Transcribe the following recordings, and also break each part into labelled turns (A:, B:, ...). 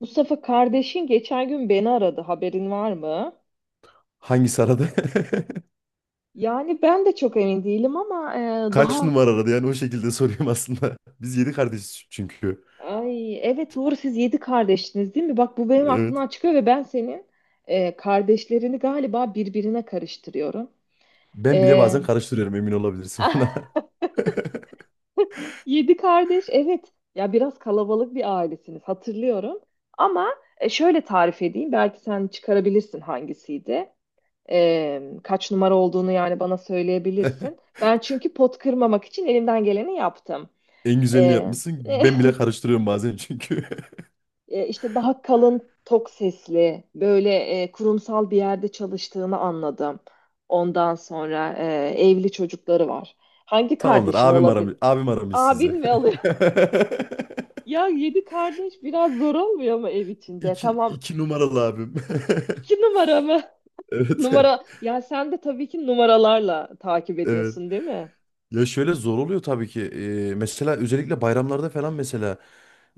A: Mustafa kardeşin geçen gün beni aradı. Haberin var mı?
B: Hangisi aradı?
A: Yani ben de çok emin değilim ama
B: Kaç
A: daha.
B: numara aradı, yani o şekilde sorayım aslında. Biz yedi kardeşiz çünkü.
A: Ay, evet, doğru, siz yedi kardeşsiniz değil mi? Bak bu benim
B: Evet.
A: aklımdan çıkıyor ve ben senin kardeşlerini galiba birbirine karıştırıyorum.
B: Ben bile
A: E,
B: bazen karıştırıyorum, emin olabilirsin buna.
A: Yedi kardeş, evet. Ya biraz kalabalık bir ailesiniz, hatırlıyorum. Ama şöyle tarif edeyim, belki sen çıkarabilirsin hangisiydi. Kaç numara olduğunu yani bana söyleyebilirsin. Ben çünkü pot kırmamak için elimden geleni yaptım.
B: En güzelini
A: E,
B: yapmışsın. Ben bile karıştırıyorum bazen çünkü.
A: işte daha kalın tok sesli böyle kurumsal bir yerde çalıştığını anladım. Ondan sonra evli çocukları var. Hangi
B: Tamamdır,
A: kardeşin
B: abim aramış,
A: olabilir?
B: abim aramış sizi.
A: Abin mi alıyor? Ya yedi kardeş biraz zor olmuyor mu ev içinde?
B: İki,
A: Tamam.
B: iki numaralı abim.
A: İki numara mı?
B: Evet.
A: Numara. Ya sen de tabii ki numaralarla takip
B: Evet.
A: ediyorsun, değil mi?
B: Ya şöyle zor oluyor tabii ki. Mesela özellikle bayramlarda falan mesela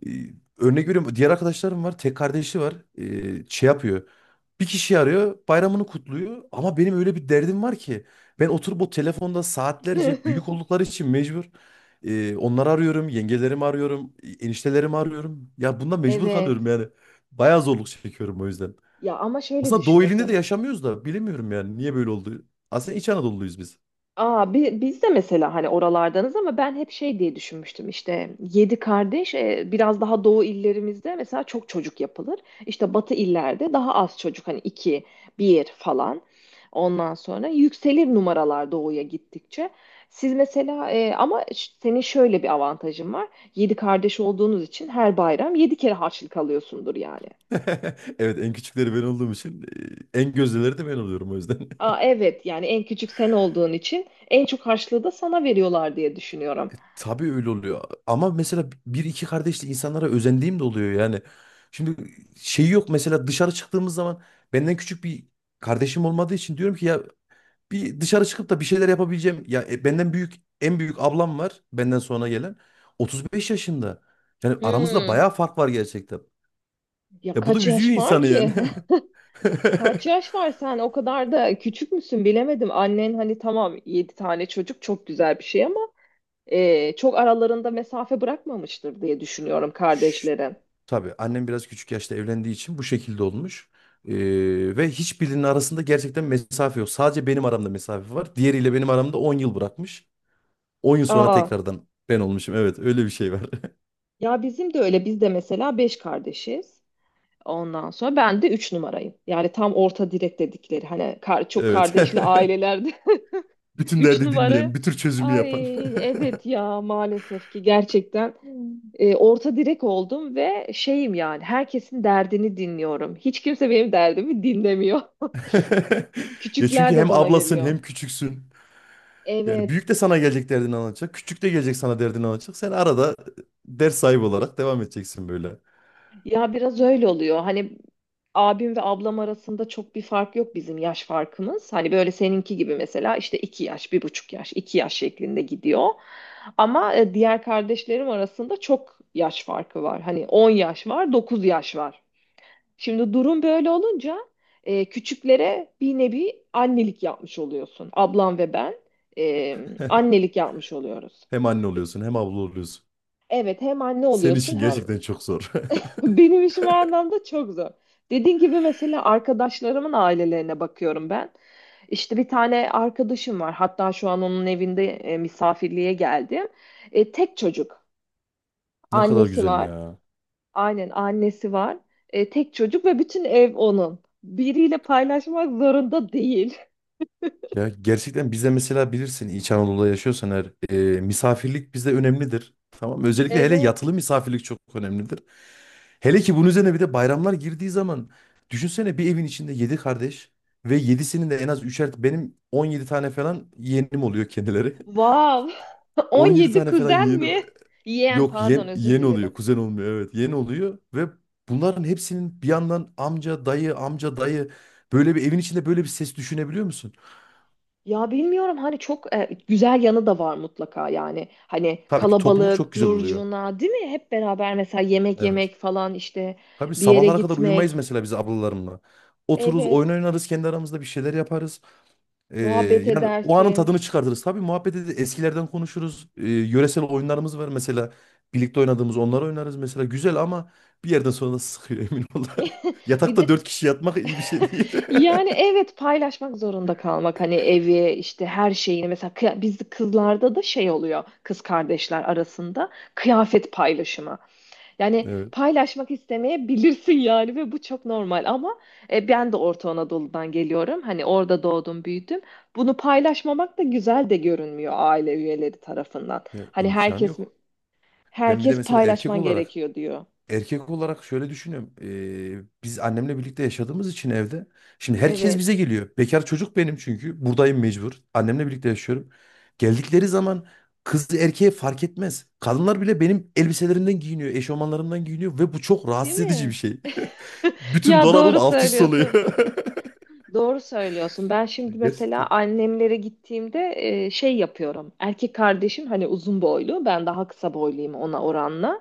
B: e, örnek veriyorum, diğer arkadaşlarım var. Tek kardeşi var. Şey yapıyor. Bir kişi arıyor, bayramını kutluyor ama benim öyle bir derdim var ki ben oturup o telefonda saatlerce büyük oldukları için mecbur onları arıyorum, yengelerimi arıyorum, eniştelerimi arıyorum. Ya bundan mecbur kalıyorum
A: Evet.
B: yani. Bayağı zorluk çekiyorum o yüzden.
A: Ya ama şöyle
B: Aslında
A: düşün
B: Doğu ilinde de
A: mesela.
B: yaşamıyoruz da bilemiyorum yani niye böyle oldu. Aslında İç Anadolu'luyuz biz.
A: Aa, biz de mesela hani oralardanız ama ben hep şey diye düşünmüştüm işte yedi kardeş biraz daha doğu illerimizde mesela çok çocuk yapılır. İşte batı illerde daha az çocuk hani iki bir falan. Ondan sonra yükselir numaralar doğuya gittikçe. Siz mesela ama senin şöyle bir avantajın var. Yedi kardeş olduğunuz için her bayram yedi kere harçlık alıyorsundur yani.
B: Evet, en küçükleri ben olduğum için en gözdeleri de ben oluyorum o yüzden.
A: Aa, evet yani en küçük sen olduğun için en çok harçlığı da sana veriyorlar diye düşünüyorum.
B: Tabii öyle oluyor. Ama mesela bir iki kardeşli insanlara özendiğim de oluyor yani. Şimdi şey yok mesela, dışarı çıktığımız zaman benden küçük bir kardeşim olmadığı için diyorum ki ya bir dışarı çıkıp da bir şeyler yapabileceğim. Ya benden büyük en büyük ablam var, benden sonra gelen 35 yaşında. Yani aramızda
A: Hmm.
B: bayağı fark var gerçekten.
A: Ya
B: Ya bu da
A: kaç
B: üzüyor
A: yaş var
B: insanı yani.
A: ki? Kaç yaş var sen? O kadar da küçük müsün bilemedim. Annen hani tamam 7 tane çocuk çok güzel bir şey ama çok aralarında mesafe bırakmamıştır diye düşünüyorum
B: Şşt,
A: kardeşlerin.
B: tabii annem biraz küçük yaşta evlendiği için bu şekilde olmuş. Ve hiçbirinin arasında gerçekten mesafe yok. Sadece benim aramda mesafe var. Diğeriyle benim aramda 10 yıl bırakmış. 10 yıl sonra
A: Aa,
B: tekrardan ben olmuşum. Evet, öyle bir şey var.
A: ya bizim de öyle. Biz de mesela 5 kardeşiz. Ondan sonra ben de 3 numarayım. Yani tam orta direk dedikleri hani çok
B: Evet.
A: kardeşli aileler.
B: Bütün
A: Üç
B: derdi dinleyen,
A: numara.
B: bir tür çözümü yapan.
A: Ay, evet ya, maalesef ki gerçekten orta direk oldum ve şeyim yani herkesin derdini dinliyorum. Hiç kimse benim derdimi dinlemiyor.
B: Ya çünkü
A: Küçükler de
B: hem
A: bana
B: ablasın
A: geliyor.
B: hem küçüksün. Yani
A: Evet,
B: büyük de sana gelecek, derdini anlatacak. Küçük de gelecek sana, derdini anlatacak. Sen arada ders sahibi olarak devam edeceksin böyle.
A: ya biraz öyle oluyor. Hani abim ve ablam arasında çok bir fark yok bizim yaş farkımız. Hani böyle seninki gibi mesela işte iki yaş, bir buçuk yaş, iki yaş şeklinde gidiyor. Ama diğer kardeşlerim arasında çok yaş farkı var. Hani 10 yaş var, 9 yaş var. Şimdi durum böyle olunca küçüklere bir nevi annelik yapmış oluyorsun. Ablam ve ben e, annelik yapmış oluyoruz.
B: Hem anne oluyorsun hem abla oluyorsun.
A: Evet, hem anne
B: Senin
A: oluyorsun
B: için
A: hem
B: gerçekten çok zor.
A: benim işim o anlamda çok zor. Dediğin gibi mesela arkadaşlarımın ailelerine bakıyorum ben. İşte bir tane arkadaşım var. Hatta şu an onun evinde misafirliğe geldim. Tek çocuk.
B: Ne kadar
A: Annesi
B: güzel
A: var.
B: ya.
A: Aynen annesi var. Tek çocuk ve bütün ev onun. Biriyle paylaşmak zorunda değil.
B: Ya gerçekten bize, mesela bilirsin, İç Anadolu'da yaşıyorsan eğer misafirlik bize önemlidir. Tamam mı? Özellikle hele yatılı
A: Evet.
B: misafirlik çok önemlidir. Hele ki bunun üzerine bir de bayramlar girdiği zaman, düşünsene, bir evin içinde 7 kardeş ve 7'sinin de en az üçer, benim 17 tane falan yeğenim oluyor kendileri.
A: Wow.
B: 17
A: 17
B: tane falan
A: kuzen
B: yeğeni,
A: mi? Yeğen,
B: yok
A: pardon,
B: yeğen,
A: özür
B: yeğen oluyor,
A: dilerim.
B: kuzen olmuyor, evet yeğen oluyor. Ve bunların hepsinin bir yandan amca dayı amca dayı, böyle bir evin içinde böyle bir ses düşünebiliyor musun?
A: Ya bilmiyorum hani çok güzel yanı da var mutlaka yani. Hani
B: Tabii ki topluluk
A: kalabalık,
B: çok güzel oluyor.
A: curcuna değil mi? Hep beraber mesela yemek
B: Evet.
A: yemek falan işte
B: Tabii
A: bir yere
B: sabahlara kadar uyumayız
A: gitmek.
B: mesela biz ablalarımla. Otururuz, oyun
A: Evet.
B: oynarız kendi aramızda, bir şeyler yaparız. Ee,
A: Muhabbet
B: Yani o anın
A: edersin.
B: tadını çıkartırız. Tabii muhabbet ederiz, eskilerden konuşuruz. Yöresel oyunlarımız var mesela. Birlikte oynadığımız onları oynarız mesela. Güzel ama bir yerden sonra da sıkıyor, emin ol.
A: Bir
B: Yatakta
A: de
B: dört kişi yatmak iyi bir şey değil.
A: yani evet paylaşmak zorunda kalmak hani evi işte her şeyini mesela biz kızlarda da şey oluyor kız kardeşler arasında kıyafet paylaşımı. Yani
B: Evet.
A: paylaşmak istemeyebilirsin yani ve bu çok normal ama ben de Orta Anadolu'dan geliyorum. Hani orada doğdum büyüdüm. Bunu paylaşmamak da güzel de görünmüyor aile üyeleri tarafından.
B: Ya
A: Hani
B: imkan
A: herkes
B: yok. Ben bir de mesela erkek
A: paylaşman
B: olarak
A: gerekiyor diyor.
B: erkek olarak şöyle düşünüyorum. Biz annemle birlikte yaşadığımız için evde. Şimdi herkes
A: Evet.
B: bize geliyor. Bekar çocuk benim çünkü. Buradayım mecbur. Annemle birlikte yaşıyorum. Geldikleri zaman kız erkeğe fark etmez. Kadınlar bile benim elbiselerimden giyiniyor, eşofmanlarımdan giyiniyor ve bu çok
A: Değil
B: rahatsız edici bir
A: mi?
B: şey. Bütün
A: Ya
B: dolabım
A: doğru
B: alt üst oluyor.
A: söylüyorsun. Doğru söylüyorsun. Ben şimdi mesela
B: Gerçekten
A: annemlere gittiğimde şey yapıyorum. Erkek kardeşim hani uzun boylu, ben daha kısa boyluyum ona oranla.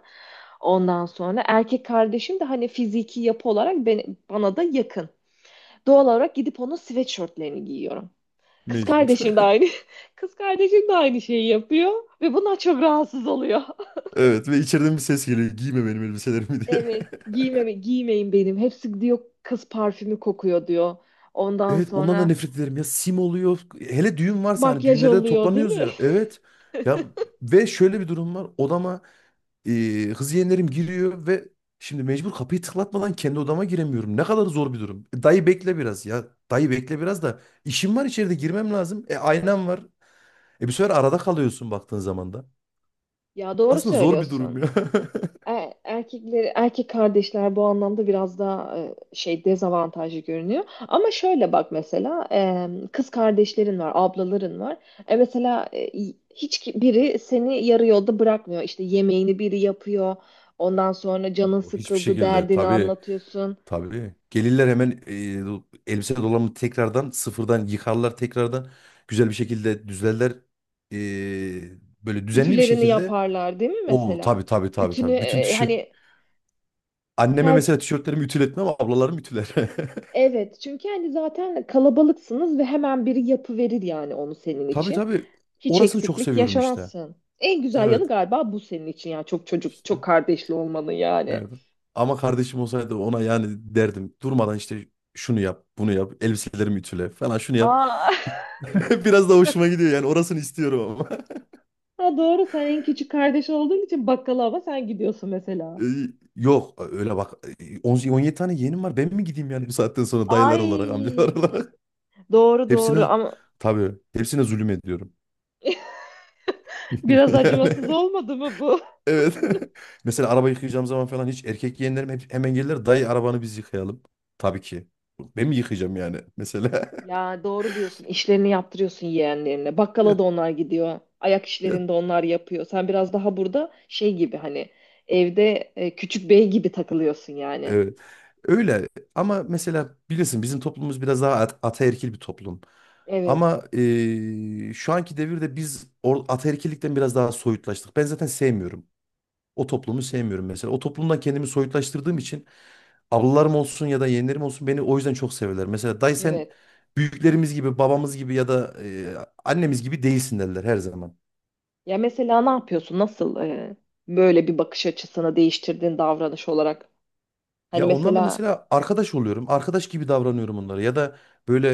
A: Ondan sonra erkek kardeşim de hani fiziki yapı olarak bana da yakın. Doğal olarak gidip onun sweatshirtlerini giyiyorum. Kız
B: mecbur.
A: kardeşim de aynı. Kız kardeşim de aynı şeyi yapıyor ve bundan çok rahatsız oluyor.
B: Evet ve içeriden bir ses geliyor: giyme benim elbiselerimi diye.
A: Evet, giymeme, giymeyin benim. Hepsi diyor kız parfümü kokuyor diyor. Ondan
B: Evet, ondan da
A: sonra
B: nefret ederim ya, sim oluyor hele düğün varsa, hani
A: makyaj
B: düğünlerde de
A: oluyor değil
B: toplanıyoruz
A: mi?
B: ya, evet ya. Ve şöyle bir durum var, odama kız yeğenlerim giriyor ve şimdi mecbur kapıyı tıklatmadan kendi odama giremiyorum, ne kadar zor bir durum. Dayı bekle biraz ya, dayı bekle biraz da işim var içeride, girmem lazım, aynam var, bir sefer arada kalıyorsun baktığın zaman da
A: Ya doğru
B: aslında zor bir durum
A: söylüyorsun.
B: ya.
A: Erkekleri, erkek kardeşler bu anlamda biraz daha şey dezavantajlı görünüyor. Ama şöyle bak mesela kız kardeşlerin var, ablaların var. E mesela hiç biri seni yarı yolda bırakmıyor. İşte yemeğini biri yapıyor. Ondan sonra canın
B: O hiçbir
A: sıkıldı,
B: şekilde
A: derdini
B: tabii.
A: anlatıyorsun.
B: Tabii. Gelirler hemen, elbise dolabını tekrardan sıfırdan yıkarlar tekrardan. Güzel bir şekilde düzlerler. E, Böyle düzenli bir
A: Ütülerini
B: şekilde.
A: yaparlar, değil mi
B: O
A: mesela?
B: tabii tabii tabii
A: Ütünü
B: tabii. Bütün tişört.
A: hani
B: Anneme
A: her.
B: mesela tişörtlerimi ütületmem ama ablalarım ütüler.
A: Evet, çünkü hani zaten kalabalıksınız ve hemen biri yapıverir yani onu senin
B: Tabii
A: için.
B: tabii.
A: Hiç
B: Orasını çok
A: eksiklik
B: seviyorum işte.
A: yaşamazsın. En güzel
B: Evet.
A: yanı galiba bu senin için ya. Çok çocuk,
B: İşte.
A: çok kardeşli olmanın yani.
B: Nerede? Ama kardeşim olsaydı ona yani derdim. Durmadan işte şunu yap, bunu yap, elbiselerimi ütüle falan, şunu yap.
A: Aa,
B: Biraz da hoşuma gidiyor yani, orasını istiyorum.
A: ha doğru sen en küçük kardeş olduğun için bakkala ama sen gidiyorsun mesela.
B: Ee, Yok öyle bak, on yedi tane yeğenim var, ben mi gideyim yani bu saatten sonra, dayılar olarak
A: Ay,
B: amcalar olarak.
A: doğru
B: Hepsine,
A: doğru ama
B: tabii hepsine zulüm ediyorum.
A: biraz
B: Yani
A: acımasız olmadı mı bu?
B: evet. Mesela araba yıkayacağım zaman falan hiç, erkek yeğenlerim hep hemen gelirler, dayı arabanı biz yıkayalım, tabii ki ben mi yıkayacağım yani mesela.
A: Ya doğru diyorsun. İşlerini yaptırıyorsun yeğenlerine.
B: Ya,
A: Bakkala da onlar gidiyor. Ayak
B: ya,
A: işlerini de onlar yapıyor. Sen biraz daha burada şey gibi hani evde küçük bey gibi takılıyorsun yani.
B: evet. Öyle. Ama mesela bilirsin bizim toplumumuz biraz daha ataerkil bir toplum.
A: Evet.
B: Ama şu anki devirde biz ataerkillikten biraz daha soyutlaştık. Ben zaten sevmiyorum. O toplumu sevmiyorum mesela. O toplumdan kendimi soyutlaştırdığım için ablalarım olsun ya da yeğenlerim olsun beni o yüzden çok severler. Mesela dayı sen
A: Evet.
B: büyüklerimiz gibi, babamız gibi ya da annemiz gibi değilsin derler her zaman.
A: Ya mesela ne yapıyorsun? Nasıl böyle bir bakış açısını değiştirdiğin davranış olarak? Hani
B: Ya onlarla
A: mesela
B: mesela arkadaş oluyorum. Arkadaş gibi davranıyorum onlara. Ya da böyle,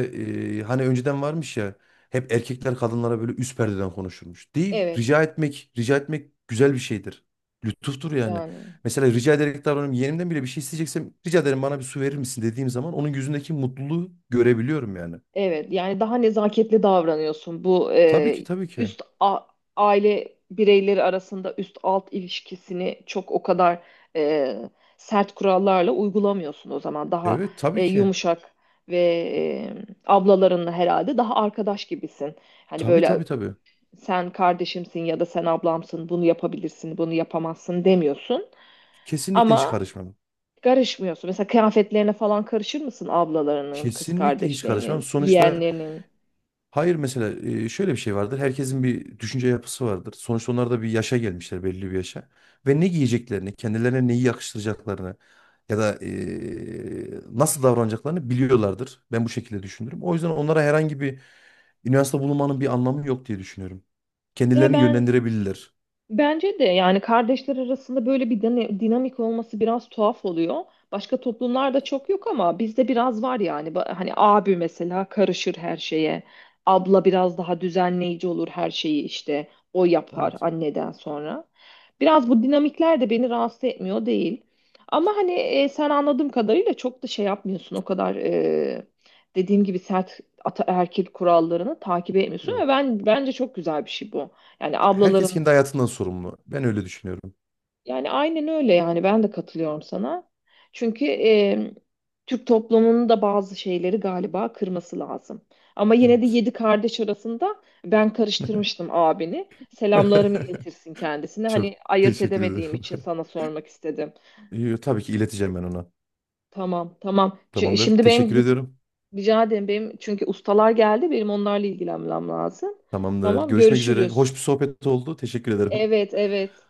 B: hani önceden varmış ya hep erkekler kadınlara böyle üst perdeden konuşurmuş. Değil.
A: evet
B: Rica etmek güzel bir şeydir. Lütuftur yani.
A: yani
B: Mesela rica ederek davranıyorum. Yeğenimden bile bir şey isteyeceksem rica ederim, bana bir su verir misin dediğim zaman onun yüzündeki mutluluğu görebiliyorum yani.
A: evet yani daha nezaketli davranıyorsun. Bu
B: Tabii ki tabii ki.
A: üst aile bireyleri arasında üst alt ilişkisini çok o kadar e, sert kurallarla uygulamıyorsun o zaman. Daha
B: Evet tabii ki.
A: yumuşak ve ablalarınla herhalde daha arkadaş gibisin. Hani
B: Tabii
A: böyle
B: tabii tabii.
A: sen kardeşimsin ya da sen ablamsın bunu yapabilirsin bunu yapamazsın demiyorsun
B: Kesinlikle hiç
A: ama
B: karışmam.
A: karışmıyorsun. Mesela kıyafetlerine falan karışır mısın ablalarının, kız
B: Kesinlikle hiç karışmam.
A: kardeşlerinin,
B: Sonuçta
A: yeğenlerinin?
B: hayır, mesela şöyle bir şey vardır. Herkesin bir düşünce yapısı vardır. Sonuçta onlar da bir yaşa gelmişler, belli bir yaşa. Ve ne giyeceklerini, kendilerine neyi yakıştıracaklarını ya da nasıl davranacaklarını biliyorlardır. Ben bu şekilde düşünürüm. O yüzden onlara herhangi bir üniversite bulunmanın bir anlamı yok diye düşünüyorum.
A: Ya
B: Kendilerini
A: ben.
B: yönlendirebilirler.
A: Bence de yani kardeşler arasında böyle bir dinamik olması biraz tuhaf oluyor. Başka toplumlarda çok yok ama bizde biraz var yani. Hani abi mesela karışır her şeye. Abla biraz daha düzenleyici olur her şeyi işte. O yapar
B: Evet.
A: anneden sonra. Biraz bu dinamikler de beni rahatsız etmiyor değil. Ama hani sen anladığım kadarıyla çok da şey yapmıyorsun. O kadar dediğim gibi sert ataerkil kurallarını takip etmiyorsun. Ve
B: Yok.
A: ben bence çok güzel bir şey bu. Yani
B: Ya herkes
A: ablaların,
B: kendi hayatından sorumlu. Ben öyle düşünüyorum.
A: yani aynen öyle yani ben de katılıyorum sana. Çünkü Türk toplumunun da bazı şeyleri galiba kırması lazım. Ama yine de
B: Evet.
A: yedi kardeş arasında ben karıştırmıştım abini. Selamlarımı iletirsin kendisine.
B: Çok
A: Hani ayırt
B: teşekkür ederim.
A: edemediğim için sana sormak istedim.
B: Yo, tabii ki ileteceğim ben ona.
A: Tamam tamam.
B: Tamamdır.
A: Şimdi benim
B: Teşekkür
A: git,
B: ediyorum.
A: rica ederim, benim çünkü ustalar geldi, benim onlarla ilgilenmem lazım.
B: Tamamdır.
A: Tamam,
B: Görüşmek üzere. Hoş
A: görüşürüz.
B: bir sohbet oldu. Teşekkür ederim.
A: Evet, evet.